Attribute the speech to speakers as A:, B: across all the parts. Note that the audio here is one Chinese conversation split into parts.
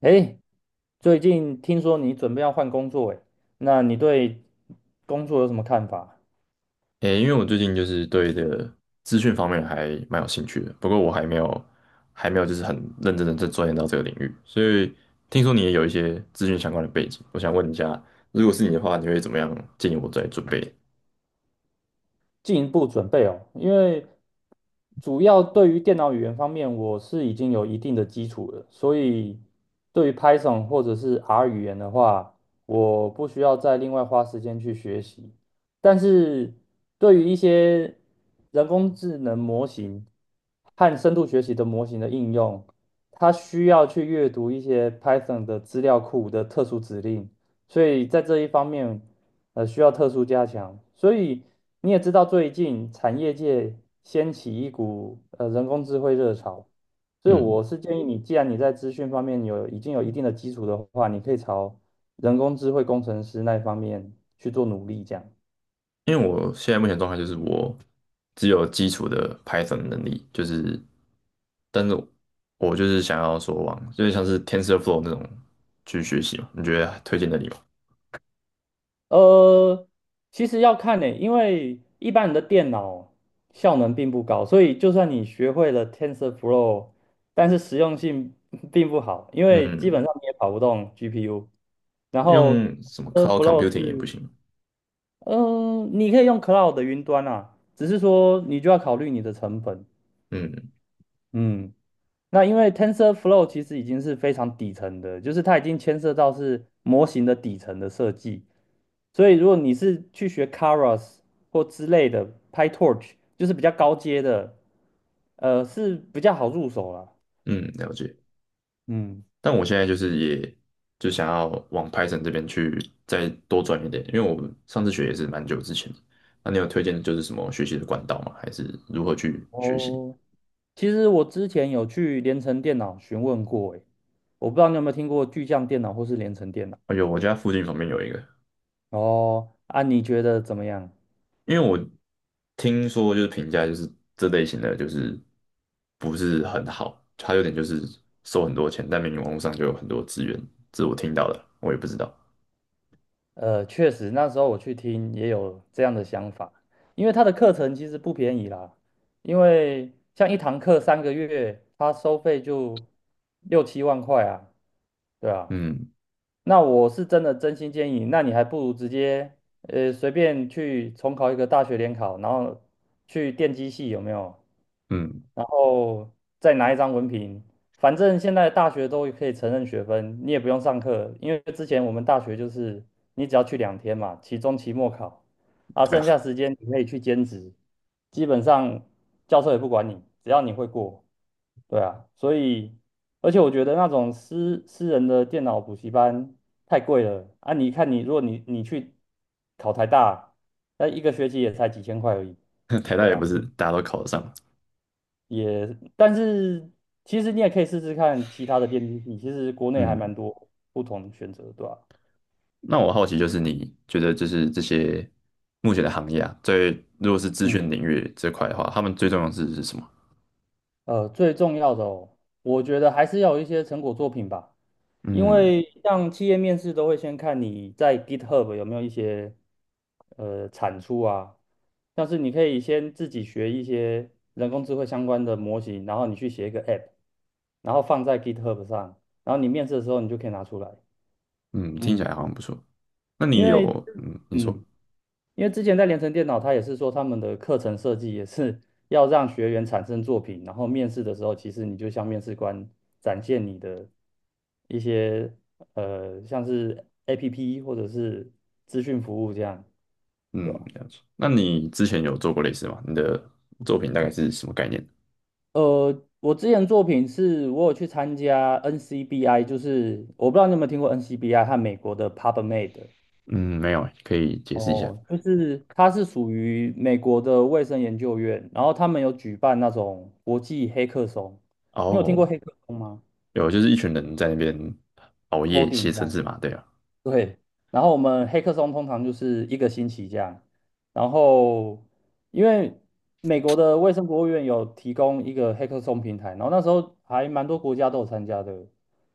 A: 哎，最近听说你准备要换工作，哎，那你对工作有什么看法？
B: 诶，因为我最近就是对这个资讯方面还蛮有兴趣的，不过我还没有就是很认真的在钻研到这个领域，所以听说你也有一些资讯相关的背景，我想问一下，如果是你的话，你会怎么样建议我在准备？
A: 进一步准备哦，因为主要对于电脑语言方面，我是已经有一定的基础了，所以对于 Python 或者是 R 语言的话，我不需要再另外花时间去学习。但是对于一些人工智能模型和深度学习的模型的应用，它需要去阅读一些 Python 的资料库的特殊指令。所以在这一方面，需要特殊加强。所以你也知道，最近产业界掀起一股人工智慧热潮，所以
B: 嗯，
A: 我是建议你，既然你在资讯方面已经有一定的基础的话，你可以朝人工智慧工程师那一方面去做努力，这样。
B: 因为我现在目前状态就是我只有基础的 Python 能力，就是但是我就是想要说往就是像是 TensorFlow 那种去学习嘛，你觉得推荐的你吗？
A: 呃，其实要看呢、因为一般人的电脑效能并不高，所以就算你学会了 TensorFlow，但是实用性 并不好，因为基
B: 嗯，
A: 本上你也跑不动 GPU。然后
B: 用什么 Cloud
A: TensorFlow
B: Computing 也不
A: 是，
B: 行。
A: 嗯、你可以用 Cloud 的云端啊，只是说你就要考虑你的成本。
B: 嗯，
A: 嗯，那因为 TensorFlow 其实已经是非常底层的，就是它已经牵涉到是模型的底层的设计。所以如果你是去学 k a r a s 或之类的 PyTorch，就是比较高阶的，是比较好入手啦。
B: 嗯，了解。
A: 嗯，
B: 但我现在就是也就想要往 Python 这边去再多转一点，因为我上次学也是蛮久之前的。那你有推荐就是什么学习的管道吗？还是如何去学习？
A: 哦，其实我之前有去联成电脑询问过，诶，我不知道你有没有听过巨匠电脑或是联成电脑。
B: 哎呦，我家附近旁边有一个。
A: 哦，啊，你觉得怎么样？
B: 因为我听说就是评价就是这类型的就是不是很好，它有点就是收很多钱，但明明网络上就有很多资源，这是我听到的，我也不知道。
A: 确实，那时候我去听也有这样的想法，因为他的课程其实不便宜啦，因为像一堂课三个月，他收费就六七万块啊，对啊，
B: 嗯
A: 那我是真的真心建议，那你还不如直接随便去重考一个大学联考，然后去电机系有没有？
B: 嗯，
A: 然后再拿一张文凭，反正现在大学都可以承认学分，你也不用上课，因为之前我们大学就是你只要去两天嘛，期中、期末考，啊，
B: 对
A: 剩
B: 啊，
A: 下时间你可以去兼职，基本上教授也不管你，只要你会过。对啊，所以而且我觉得那种私人的电脑补习班太贵了啊！你看你，如果你去考台大，那一个学期也才几千块而已。
B: 台大
A: 对
B: 也不
A: 啊，
B: 是大家都考得上。
A: 但是其实你也可以试试看其他的电竞系，其实国内还
B: 嗯。
A: 蛮多不同选择，对吧？
B: 那我好奇就是你觉得就是这些目前的行业啊，在如果是资
A: 嗯。
B: 讯领域这块的话，他们最重要的是什么？
A: 最重要的哦，我觉得还是要有一些成果作品吧，因
B: 嗯
A: 为像企业面试都会先看你在 GitHub 有没有一些产出啊，像是你可以先自己学一些人工智慧相关的模型，然后你去写一个 App，然后放在 GitHub 上，然后你面试的时候你就可以拿出来，
B: 嗯，听起
A: 嗯，
B: 来好像不错。那
A: 因
B: 你有
A: 为
B: 嗯，你说
A: 嗯。因为之前在联成电脑，他也是说他们的课程设计也是 要让学员产生作品，然后面试的时候，其实你就向面试官展现你的一些像是 APP 或者是资讯服务这样，对
B: 嗯，
A: 吧？
B: 了解。那你之前有做过类似吗？你的作品大概是什么概念？
A: 我之前作品是我有去参加 NCBI，就是我不知道你有没有听过 NCBI 和美国的 PubMed。
B: 嗯，没有欸可以解释一下。
A: 哦，就是它是属于美国的卫生研究院，然后他们有举办那种国际黑客松，你有听过
B: 哦，
A: 黑客松吗
B: 有，就是一群人在那边熬夜
A: ？Coding
B: 写
A: 这
B: 程
A: 样。
B: 式嘛，对啊。
A: 对，然后我们黑客松通常就是一个星期这样，然后因为美国的卫生国务院有提供一个黑客松平台，然后那时候还蛮多国家都有参加的，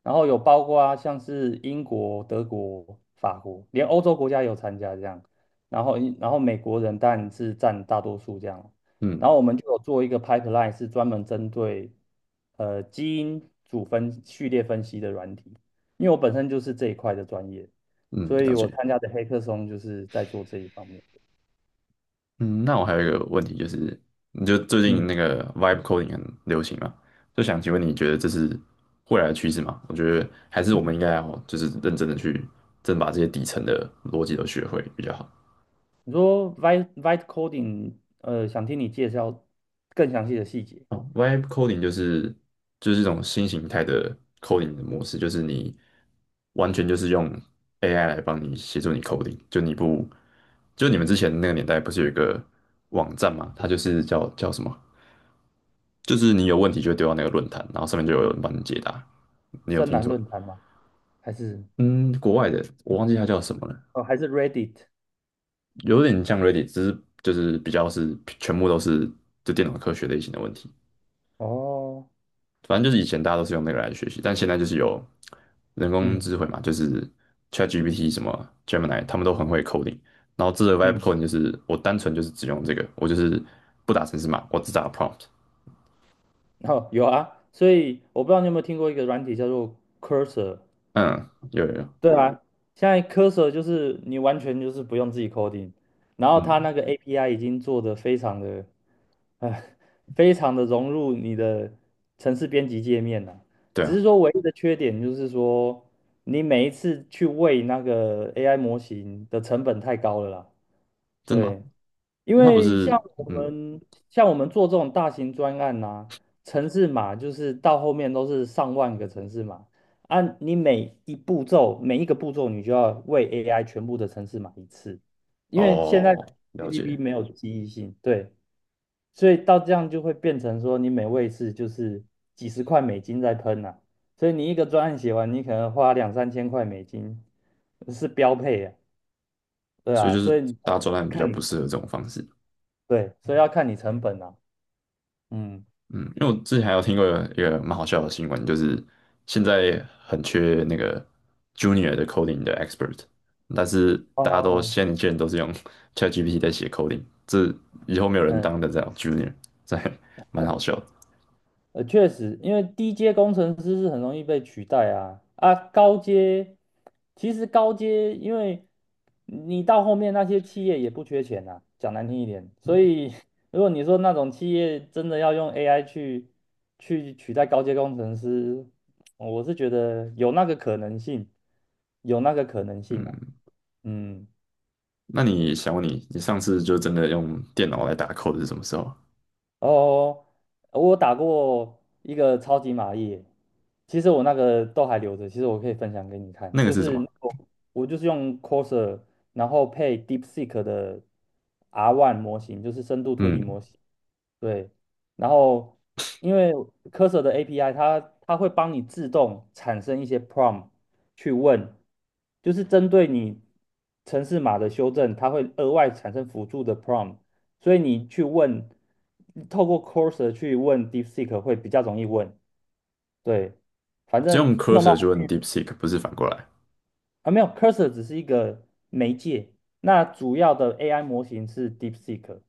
A: 然后有包括啊，像是英国、德国、法国，连欧洲国家有参加这样，然后美国人当然是占大多数这样，
B: 嗯
A: 然后我们就有做一个 pipeline 是专门针对基因组分序列分析的软体。因为我本身就是这一块的专业，
B: 嗯，
A: 所
B: 了
A: 以我
B: 解。
A: 参加的黑客松就是在做这一方面的。
B: 嗯，那我还有一个问题就是，你就最近
A: 嗯，
B: 那个 vibe coding 很流行嘛，就想请问你觉得这是未来的趋势吗？我觉得还是我们应该要就是认真的去，真的把这些底层的逻辑都学会比较好。
A: 你说 Vite Coding，想听你介绍更详细的细节。
B: 哦，vibe coding 就是就是一种新形态的 coding 的模式，就是你完全就是用 AI 来帮你协助你 coding，就你不就你们之前那个年代不是有一个网站嘛，它就是叫什么？就是你有问题就会丢到那个论坛，然后上面就有人帮你解答。你有
A: 深
B: 听
A: 蓝
B: 说？
A: 论坛吗？还是
B: 嗯，国外的我忘记它叫什么了。
A: 哦，还是 Reddit？
B: 有点像 Reddit，只是就是比较是全部都是就电脑科学类型的问题。
A: 哦，
B: 反正就是以前大家都是用那个来学习，但现在就是有人工
A: 嗯
B: 智慧嘛，就是 ChatGPT 什么 Gemini，他们都很会 coding。然后这个 Vibe
A: 嗯
B: coding 就是我单纯就是只用这个，我就是不打程式码，我只打 prompt。
A: 哦，有啊。所以我不知道你有没有听过一个软体叫做 Cursor。
B: 嗯，有有有，
A: 对啊，现在 Cursor 就是你完全就是不用自己 coding，然后它
B: 嗯，
A: 那个 API 已经做得非常的哎，非常的融入你的城市编辑界面呢、
B: 对
A: 只是
B: 啊。
A: 说唯一的缺点就是说，你每一次去喂那个 AI 模型的成本太高了啦。
B: 真的吗？
A: 对，因
B: 它不
A: 为像
B: 是，
A: 我
B: 嗯，
A: 们我们做这种大型专案呐、啊城市码就是到后面都是上万个城市码按你每一个步骤你就要喂 AI 全部的城市码一次，因为现在
B: 哦，了
A: GDP
B: 解，
A: 没有记忆性，对。所以到这样就会变成说，你每位次就是几十块美金在喷呐、所以你一个专案写完，你可能花两三千块美金是标配啊，对
B: 所以
A: 啊，
B: 就是
A: 所以你
B: 大专案比较
A: 看
B: 不
A: 你
B: 适合这种方式。
A: 对，所以要看你成本啊，嗯，
B: 嗯，因为我之前还有听过一个蛮好笑的新闻，就是现在很缺那个 junior 的 coding 的 expert，但是大家都
A: 哦，
B: 现在年轻人都是用 ChatGPT 在写 coding，这以后没有人
A: 嗯。
B: 当得了 junior，这还蛮好笑的。
A: 确实，因为低阶工程师是很容易被取代啊，高阶，因为你到后面那些企业也不缺钱啊，讲难听一点，所以 如果你说那种企业真的要用 AI 去取代高阶工程师，我是觉得有那个可能性，有那个可能性啊，
B: 嗯，
A: 嗯。
B: 那你想问你，你上次就真的用电脑来打 code 是什么时候？
A: 哦，我打过一个超级玛丽，其实我那个都还留着，其实我可以分享给你看，
B: 那个
A: 就
B: 是什
A: 是
B: 么？
A: 那个我就是用 c o r s a r 然后配 DeepSeek 的 R1 模型，就是深度推理
B: 嗯，
A: 模型，对，然后因为 Cursor 的 API，它会帮你自动产生一些 prompt 去问，就是针对你城市码的修正，它会额外产生辅助的 prompt，所以你去问，透过 Cursor 去问 DeepSeek 会比较容易问。对，反
B: 只
A: 正
B: 用
A: 弄到
B: cursor 就
A: 后
B: 用
A: 面
B: DeepSeek，不是反过来。
A: 啊，没有 Cursor 只是一个媒介，那主要的 AI 模型是 DeepSeek。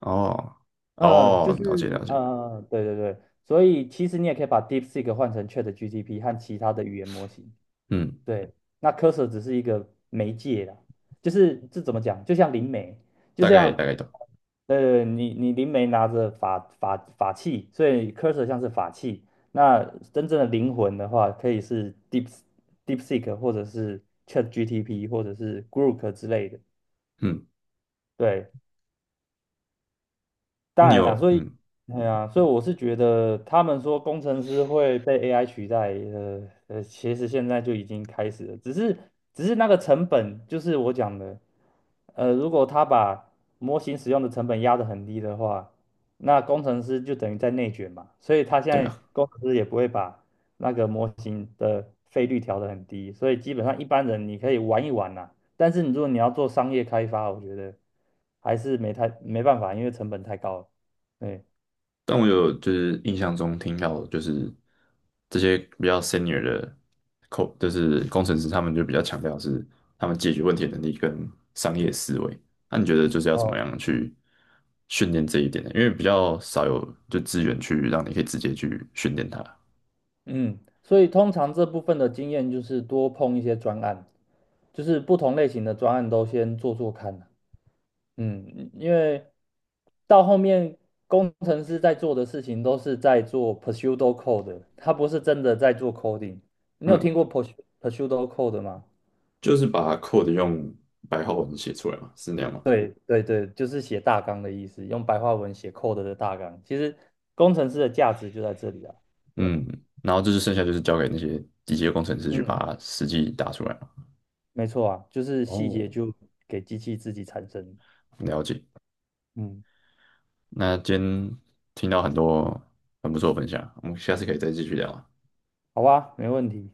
B: 哦哦，了解了解，
A: 对对对，所以其实你也可以把 DeepSeek 换成 ChatGPT 和其他的语言模型。
B: 嗯，
A: 对，那 Cursor 只是一个媒介啦，就是这怎么讲？就像灵媒，就
B: 大概大
A: 像
B: 概懂。
A: 你灵媒拿着法器，所以 Cursor 像是法器。那真正的灵魂的话，可以是 DeepSeek 或者是 c h a t g t p 或者是 Grok 之类的。
B: 嗯，
A: 对，
B: 那
A: 当
B: 你
A: 然了，
B: 有
A: 所以，
B: 嗯，
A: 哎呀，所以我是觉得他们说工程师会被 AI 取代，其实现在就已经开始了，只是那个成本，就是我讲的，如果他把模型使用的成本压得很低的话，那工程师就等于在内卷嘛，所以他现
B: 对
A: 在
B: 啊。
A: 工程师也不会把那个模型的费率调得很低，所以基本上一般人你可以玩一玩呐、但是你如果你要做商业开发，我觉得还是没办法，因为成本太高了。对，
B: 但我有就是印象中听到，就是这些比较 senior 的 code，就是工程师，他们就比较强调是他们解决问题的能力跟商业思维。那你觉得就是要怎么
A: 哦，
B: 样去训练这一点呢？因为比较少有就资源去让你可以直接去训练它。
A: 嗯，所以通常这部分的经验就是多碰一些专案，就是不同类型的专案都先做做看啊。嗯，因为到后面工程师在做的事情都是在做 pseudo code，他不是真的在做 coding。你有听
B: 嗯，
A: 过 pseudo code 吗？
B: 就是把 code 用白话文写出来嘛，是那样吗？
A: 对对对，就是写大纲的意思，用白话文写 code 的大纲。其实工程师的价值就在这里啊，对啊，
B: 嗯，然后就是剩下就是交给那些机械工程师去把
A: 嗯，
B: 它实际打出来嘛。
A: 没错啊，就是细
B: 哦，
A: 节就给机器自己产生。
B: 了解。
A: 嗯，
B: 那今天听到很多很不错的分享，我们下次可以再继续聊。
A: 好吧，没问题。